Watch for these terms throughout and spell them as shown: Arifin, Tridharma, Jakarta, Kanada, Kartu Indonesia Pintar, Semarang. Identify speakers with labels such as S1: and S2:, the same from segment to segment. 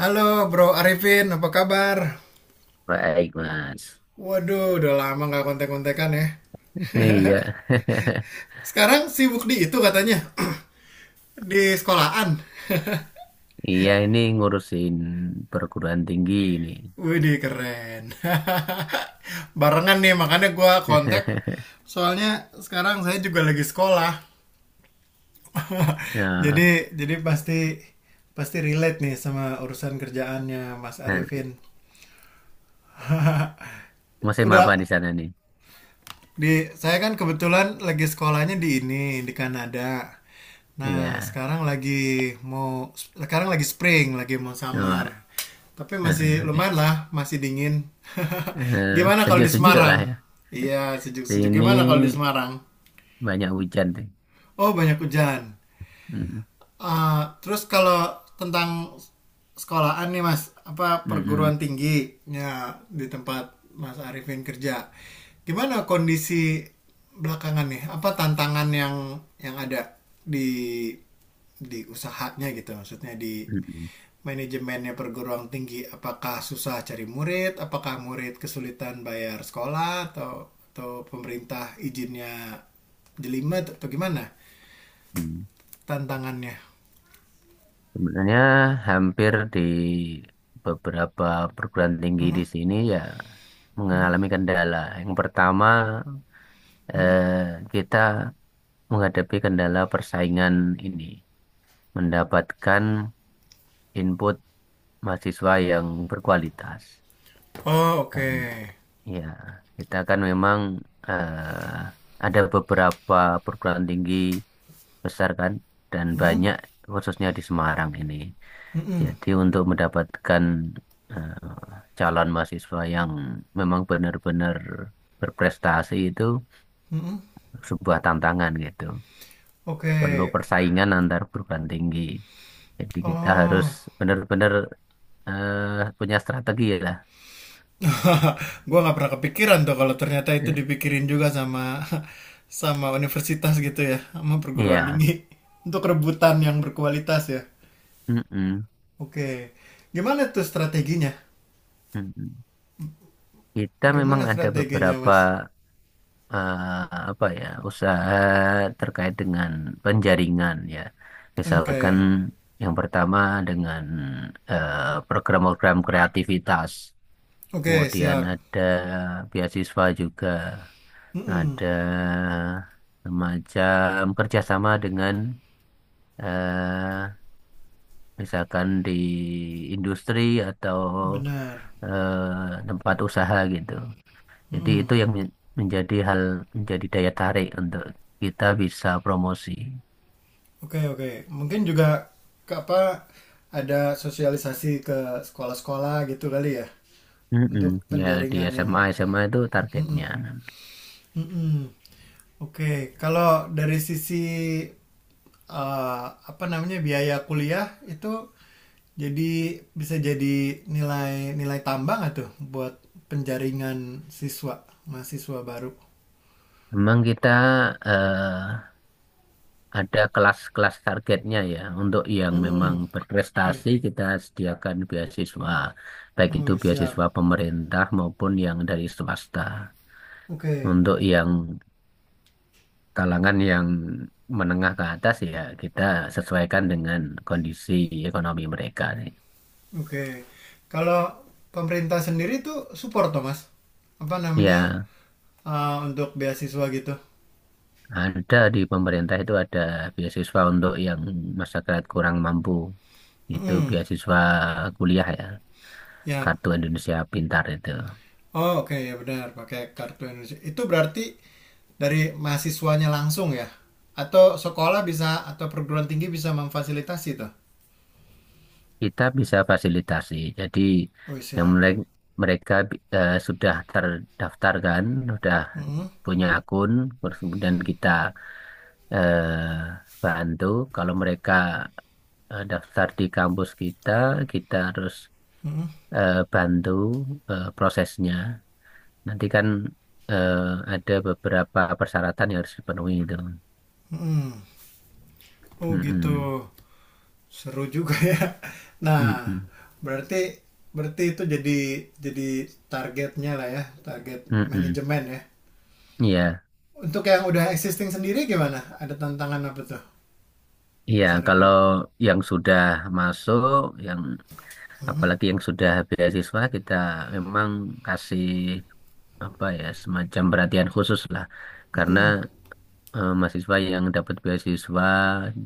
S1: Halo Bro Arifin, apa kabar?
S2: Baik, Mas.
S1: Waduh, udah lama nggak kontek-kontekan ya.
S2: Iya.
S1: Sekarang sibuk di itu katanya, di sekolahan.
S2: Iya, ini ngurusin perguruan tinggi ini.
S1: Widih, keren. Barengan nih, makanya gue kontak. Soalnya sekarang saya juga lagi sekolah.
S2: Nah,
S1: Jadi pasti pasti relate nih sama urusan kerjaannya Mas
S2: nah,
S1: Arifin.
S2: musim apa
S1: Udah.
S2: di sana nih?
S1: Di saya kan kebetulan lagi sekolahnya di ini di Kanada. Nah,
S2: Iya.
S1: sekarang lagi mau sekarang lagi spring, lagi mau
S2: Wah,
S1: summer. Tapi masih
S2: eh, eh,
S1: lumayan lah, masih dingin.
S2: eh,
S1: Gimana kalau di
S2: sejuk-sejuk lah
S1: Semarang?
S2: ya.
S1: Iya, sejuk-sejuk.
S2: Sini
S1: Gimana kalau di Semarang?
S2: banyak hujan deh.
S1: Oh, banyak hujan.
S2: Mm,
S1: Ah, terus kalau tentang sekolahan nih Mas, apa
S2: mm, mm,
S1: perguruan tingginya di tempat Mas Arifin kerja. Gimana kondisi belakangan nih? Apa tantangan yang ada di di usahanya gitu, maksudnya di
S2: mm,
S1: manajemennya perguruan tinggi, apakah susah cari murid, apakah murid kesulitan bayar sekolah, atau pemerintah izinnya jelimet atau gimana
S2: mm.
S1: tantangannya.
S2: Sebenarnya hampir di beberapa perguruan tinggi di sini ya mengalami kendala. Yang pertama, kita menghadapi kendala persaingan ini, mendapatkan input mahasiswa yang berkualitas.
S1: Oh, oke.
S2: Karena ya kita kan memang ada beberapa perguruan tinggi besar kan dan
S1: Hmm.
S2: banyak khususnya di Semarang ini. Jadi untuk mendapatkan calon mahasiswa yang memang benar-benar berprestasi itu sebuah tantangan gitu.
S1: Oke.
S2: Perlu persaingan antar perguruan tinggi. Jadi kita harus
S1: Oh.
S2: benar-benar punya strategi ya lah.
S1: Gua nggak pernah kepikiran tuh kalau ternyata itu
S2: Ya.
S1: dipikirin juga sama sama universitas gitu ya, sama perguruan
S2: Iya.
S1: tinggi untuk rebutan yang berkualitas ya.
S2: Mm-mm.
S1: Oke. Gimana tuh strateginya?
S2: Mm-mm. Kita memang
S1: Gimana
S2: ada
S1: strateginya,
S2: beberapa
S1: Mas?
S2: apa ya usaha terkait dengan penjaringan ya. Misalkan
S1: Oke.
S2: yang pertama dengan eh, program-program kreativitas.
S1: Oke,
S2: Kemudian
S1: siap.
S2: ada beasiswa juga.
S1: Mm-mm,
S2: Ada semacam kerjasama dengan eh, misalkan di industri atau
S1: benar.
S2: tempat usaha gitu. Jadi
S1: Mm.
S2: itu yang menjadi hal menjadi daya tarik untuk kita bisa promosi.
S1: Oke, oke. Mungkin juga ke apa ada sosialisasi ke sekolah-sekolah gitu kali ya.
S2: Mm-mm.
S1: Untuk
S2: Ya di
S1: penjaringan yang
S2: SMA SMA itu
S1: mm-mm.
S2: targetnya.
S1: Mm-mm. Oke, kalau dari sisi eh, apa namanya biaya kuliah itu, jadi bisa jadi nilai nilai tambah nggak tuh buat penjaringan siswa mahasiswa baru?
S2: Memang kita eh, ada kelas-kelas targetnya ya untuk yang memang
S1: Mm-mm. Oke.
S2: berprestasi kita sediakan beasiswa baik itu
S1: Oke, siap.
S2: beasiswa pemerintah maupun yang dari swasta.
S1: Oke,
S2: Untuk yang kalangan yang menengah ke atas ya kita sesuaikan dengan kondisi ekonomi mereka nih.
S1: oke. Kalau pemerintah sendiri tuh support tuh Mas, apa namanya,
S2: Ya,
S1: untuk beasiswa gitu.
S2: ada di pemerintah itu ada beasiswa untuk yang masyarakat kurang mampu. Itu
S1: Mm-mm.
S2: beasiswa kuliah ya,
S1: Ya.
S2: Kartu Indonesia Pintar itu.
S1: Oh, oke, ya benar, pakai Kartu Indonesia. Itu berarti dari mahasiswanya langsung ya? Atau sekolah bisa atau perguruan tinggi bisa memfasilitasi tuh?
S2: Kita bisa fasilitasi. Jadi
S1: Oh,
S2: yang
S1: siap.
S2: mereka, mereka sudah terdaftar kan, sudah
S1: Mm-mm.
S2: punya akun, terus kemudian kita bantu. Kalau mereka daftar di kampus kita, kita harus bantu prosesnya. Nanti kan eh, ada beberapa persyaratan yang harus dipenuhi itu.
S1: Oh,
S2: Mm-mm.
S1: gitu. Seru juga ya. Nah,
S2: Mm-mm.
S1: berarti berarti itu jadi targetnya lah ya, target
S2: Mm-mm.
S1: manajemen ya.
S2: Iya,
S1: Untuk yang udah existing sendiri gimana? Ada tantangan apa tuh,
S2: iya.
S1: Mas
S2: Kalau
S1: Arifin?
S2: yang sudah masuk, yang apalagi yang sudah beasiswa, kita memang kasih apa ya semacam perhatian khusus lah, karena
S1: Mm-mm.
S2: mahasiswa yang dapat beasiswa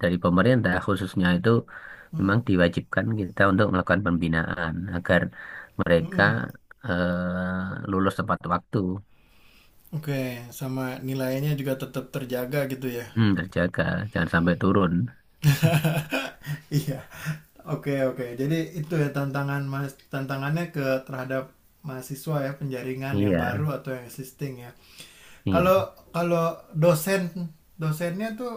S2: dari pemerintah khususnya itu
S1: Mm-mm.
S2: memang diwajibkan kita untuk melakukan pembinaan agar mereka
S1: Mm-mm.
S2: lulus tepat waktu,
S1: Oke, sama nilainya juga tetap terjaga gitu ya.
S2: hmm, terjaga, jangan sampai turun.
S1: Iya. Oke, oke. Jadi itu ya tantangan Mas, tantangannya ke terhadap mahasiswa ya, penjaringan yang
S2: Iya,
S1: baru atau yang existing ya.
S2: iya.
S1: Kalau kalau dosen dosennya tuh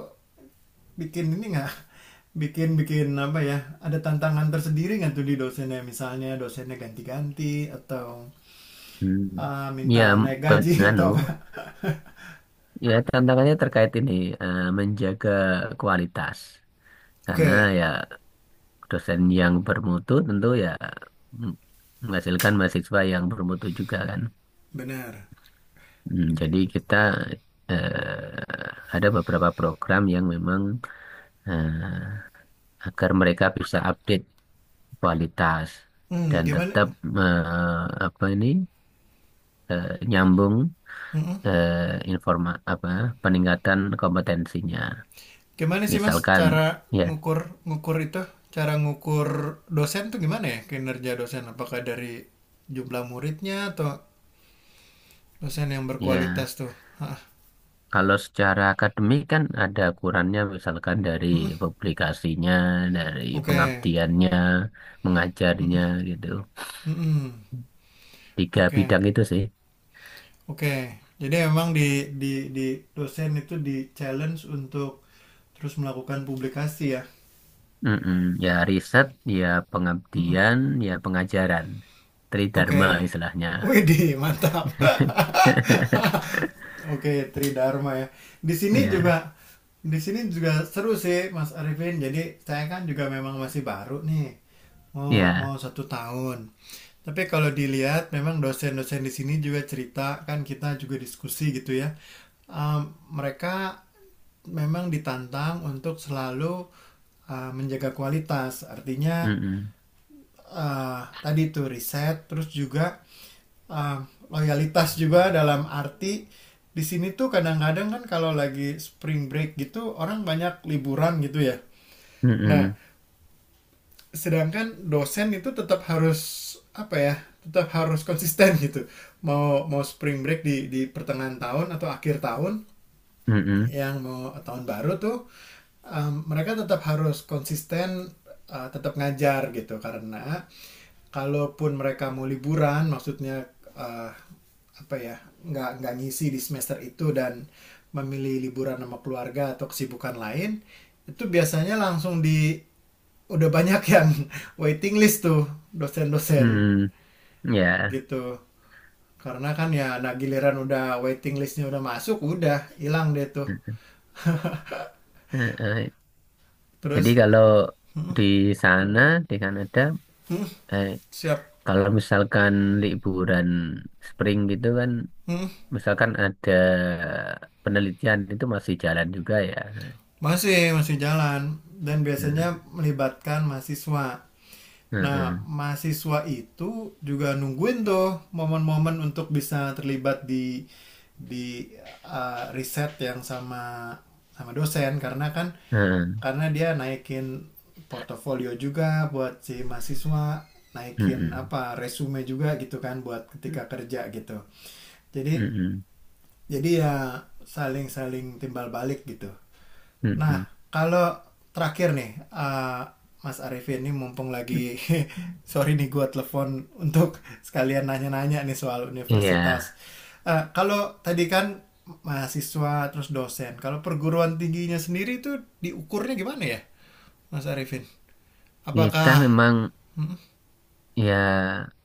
S1: bikin ini nggak? Bikin bikin apa ya? Ada tantangan tersendiri nggak tuh di dosennya? Misalnya dosennya ganti-ganti atau
S2: Hmm.
S1: ah, minta
S2: Ya,
S1: naik
S2: pe-
S1: gaji
S2: nganu,
S1: atau apa?
S2: ya tantangannya terkait ini menjaga kualitas. Karena
S1: Oke,
S2: ya dosen yang bermutu tentu ya mm, menghasilkan mahasiswa yang bermutu juga kan.
S1: benar.
S2: Hmm, jadi kita ada beberapa program yang memang eh, agar mereka bisa update kualitas
S1: Hmm,
S2: dan
S1: gimana.
S2: tetap eh, apa ini nyambung eh, informa apa peningkatan kompetensinya.
S1: Gimana sih Mas
S2: Misalkan
S1: cara
S2: ya
S1: ngukur ngukur itu? Cara ngukur dosen tuh gimana ya, kinerja dosen? Apakah dari jumlah muridnya atau dosen yang
S2: ya
S1: berkualitas tuh? Hah.
S2: kalau secara akademik kan ada ukurannya misalkan dari
S1: Mm-mm.
S2: publikasinya, dari
S1: Oke.
S2: pengabdiannya, mengajarnya gitu.
S1: Mm-mm.
S2: Tiga
S1: Oke.
S2: bidang itu sih.
S1: Oke. Jadi emang di di dosen itu di challenge untuk terus melakukan publikasi ya.
S2: Mm-mm. Ya riset, ya pengabdian, ya pengajaran. Tridharma
S1: Oke.
S2: istilahnya.
S1: Widih, mantap. Oke, Tridharma ya. Di sini
S2: Iya,
S1: juga di sini juga seru sih Mas Arifin. Jadi saya kan juga memang masih baru nih. Mau
S2: iya.
S1: mau satu tahun. Tapi kalau dilihat memang dosen-dosen di sini juga cerita kan, kita juga diskusi gitu ya. Mereka memang ditantang untuk selalu menjaga kualitas. Artinya
S2: Mm-mm.
S1: tadi itu riset, terus juga uh, loyalitas juga, dalam arti di sini tuh kadang-kadang kan kalau lagi spring break gitu orang banyak liburan gitu ya. Nah,
S2: Mm-mm.
S1: sedangkan dosen itu tetap harus apa ya? Tetap harus konsisten gitu. Mau mau spring break di pertengahan tahun atau akhir tahun
S2: Mm-mm.
S1: yang mau tahun baru tuh, mereka tetap harus konsisten, tetap ngajar gitu, karena kalaupun mereka mau liburan, maksudnya eh, apa ya, nggak ngisi di semester itu dan memilih liburan sama keluarga atau kesibukan lain, itu biasanya langsung di udah banyak yang waiting list tuh dosen-dosen
S2: Mm-mm. Iya.
S1: gitu, karena kan ya nah giliran udah waiting listnya udah masuk udah hilang deh tuh.
S2: Eh, eh, jadi
S1: Terus
S2: kalau di sana, di Kanada, eh,
S1: siap.
S2: kalau misalkan liburan spring gitu kan,
S1: Hmm,
S2: misalkan ada penelitian itu masih jalan juga ya.
S1: masih masih jalan dan
S2: Nah,
S1: biasanya melibatkan mahasiswa.
S2: eh,
S1: Nah,
S2: eh,
S1: mahasiswa itu juga nungguin tuh momen-momen untuk bisa terlibat di riset yang sama sama dosen, karena kan
S2: eh, eh,
S1: karena dia naikin portofolio juga buat si mahasiswa, naikin
S2: mm-mm.
S1: apa resume juga gitu kan buat ketika kerja gitu. Jadi
S2: Mm-mm.
S1: jadi ya saling-saling timbal balik gitu. Nah,
S2: Mm-mm.
S1: kalau terakhir nih, eh, Mas Arifin ini mumpung lagi sorry nih gua telepon untuk sekalian nanya-nanya nih soal
S2: Iya,
S1: universitas. Eh, kalau tadi kan mahasiswa terus dosen, kalau perguruan tingginya sendiri itu diukurnya gimana ya, Mas Arifin?
S2: kita
S1: Apakah
S2: memang Ya,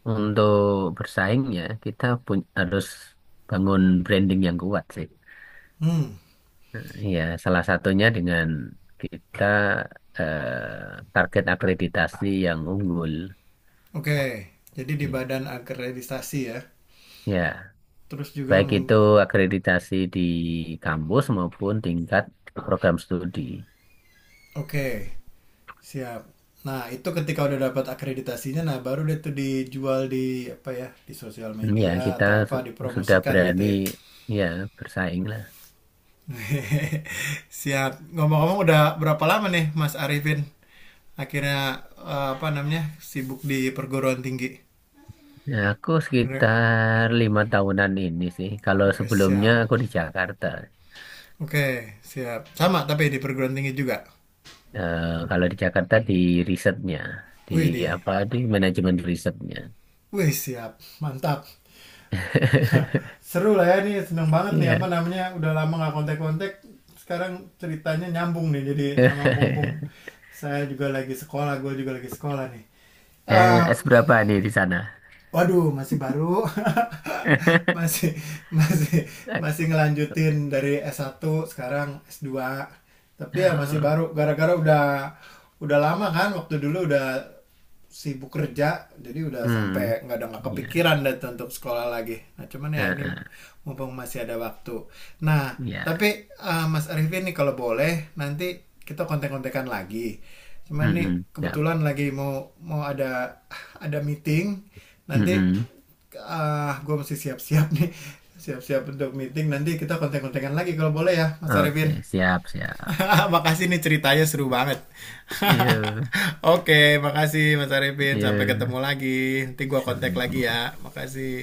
S2: untuk bersaing ya kita pun harus bangun branding yang kuat sih.
S1: hmm
S2: Nah, ya, salah satunya dengan kita target akreditasi yang unggul.
S1: oke, okay. Jadi di
S2: Ya.
S1: badan akreditasi ya,
S2: Ya,
S1: terus juga
S2: baik
S1: mung-
S2: itu akreditasi di kampus maupun tingkat program studi.
S1: oke, okay. Siap. Nah, itu ketika udah dapat akreditasinya, nah baru deh tuh dijual di apa ya, di sosial
S2: Ya,
S1: media
S2: kita
S1: atau apa
S2: su- sudah
S1: dipromosikan gitu
S2: berani
S1: ya.
S2: ya bersaing lah.
S1: Siap. Ngomong-ngomong udah berapa lama nih Mas Arifin akhirnya apa namanya sibuk di perguruan tinggi?
S2: Ya, aku
S1: Re-
S2: sekitar 5 tahunan ini sih. Kalau
S1: Wah,
S2: sebelumnya
S1: siap.
S2: aku di Jakarta.
S1: Oke, siap. Sama tapi di perguruan tinggi juga.
S2: Eh, kalau di Jakarta di risetnya, di
S1: Wih deh.
S2: apa di manajemen risetnya.
S1: Wih, siap. Mantap. Seru lah ya nih, seneng banget nih apa
S2: Iya.
S1: namanya udah lama nggak kontak-kontak, sekarang ceritanya nyambung nih jadi sama mumpung saya juga lagi sekolah, gue juga lagi sekolah nih.
S2: Eh,
S1: Eh,
S2: es berapa nih di sana?
S1: waduh masih baru, masih masih masih ngelanjutin dari s satu sekarang s dua, tapi ya masih
S2: Oh,
S1: baru gara-gara udah lama kan, waktu dulu udah sibuk kerja jadi udah
S2: hmm,
S1: sampai nggak ada nggak
S2: ya,
S1: kepikiran deh untuk sekolah lagi, nah cuman
S2: eh,
S1: ya ini
S2: eh,
S1: mumpung masih ada waktu. Nah,
S2: ya,
S1: tapi Mas Arifin nih kalau boleh nanti kita kontek-kontekan lagi, cuman
S2: hmm,
S1: nih
S2: hmm, siap,
S1: kebetulan lagi mau mau ada meeting
S2: hmm,
S1: nanti.
S2: hmm.
S1: Ah, gue mesti siap-siap nih, siap-siap untuk meeting, nanti kita konten kontekan lagi kalau boleh ya Mas
S2: Oke,
S1: Arifin.
S2: siap, siap.
S1: Makasih nih, ceritanya seru banget.
S2: Yuk,
S1: Oke, makasih Mas Arifin. Sampai
S2: yuk,
S1: ketemu lagi. Nanti gua
S2: sampai
S1: kontak
S2: ketemu.
S1: lagi ya. Makasih.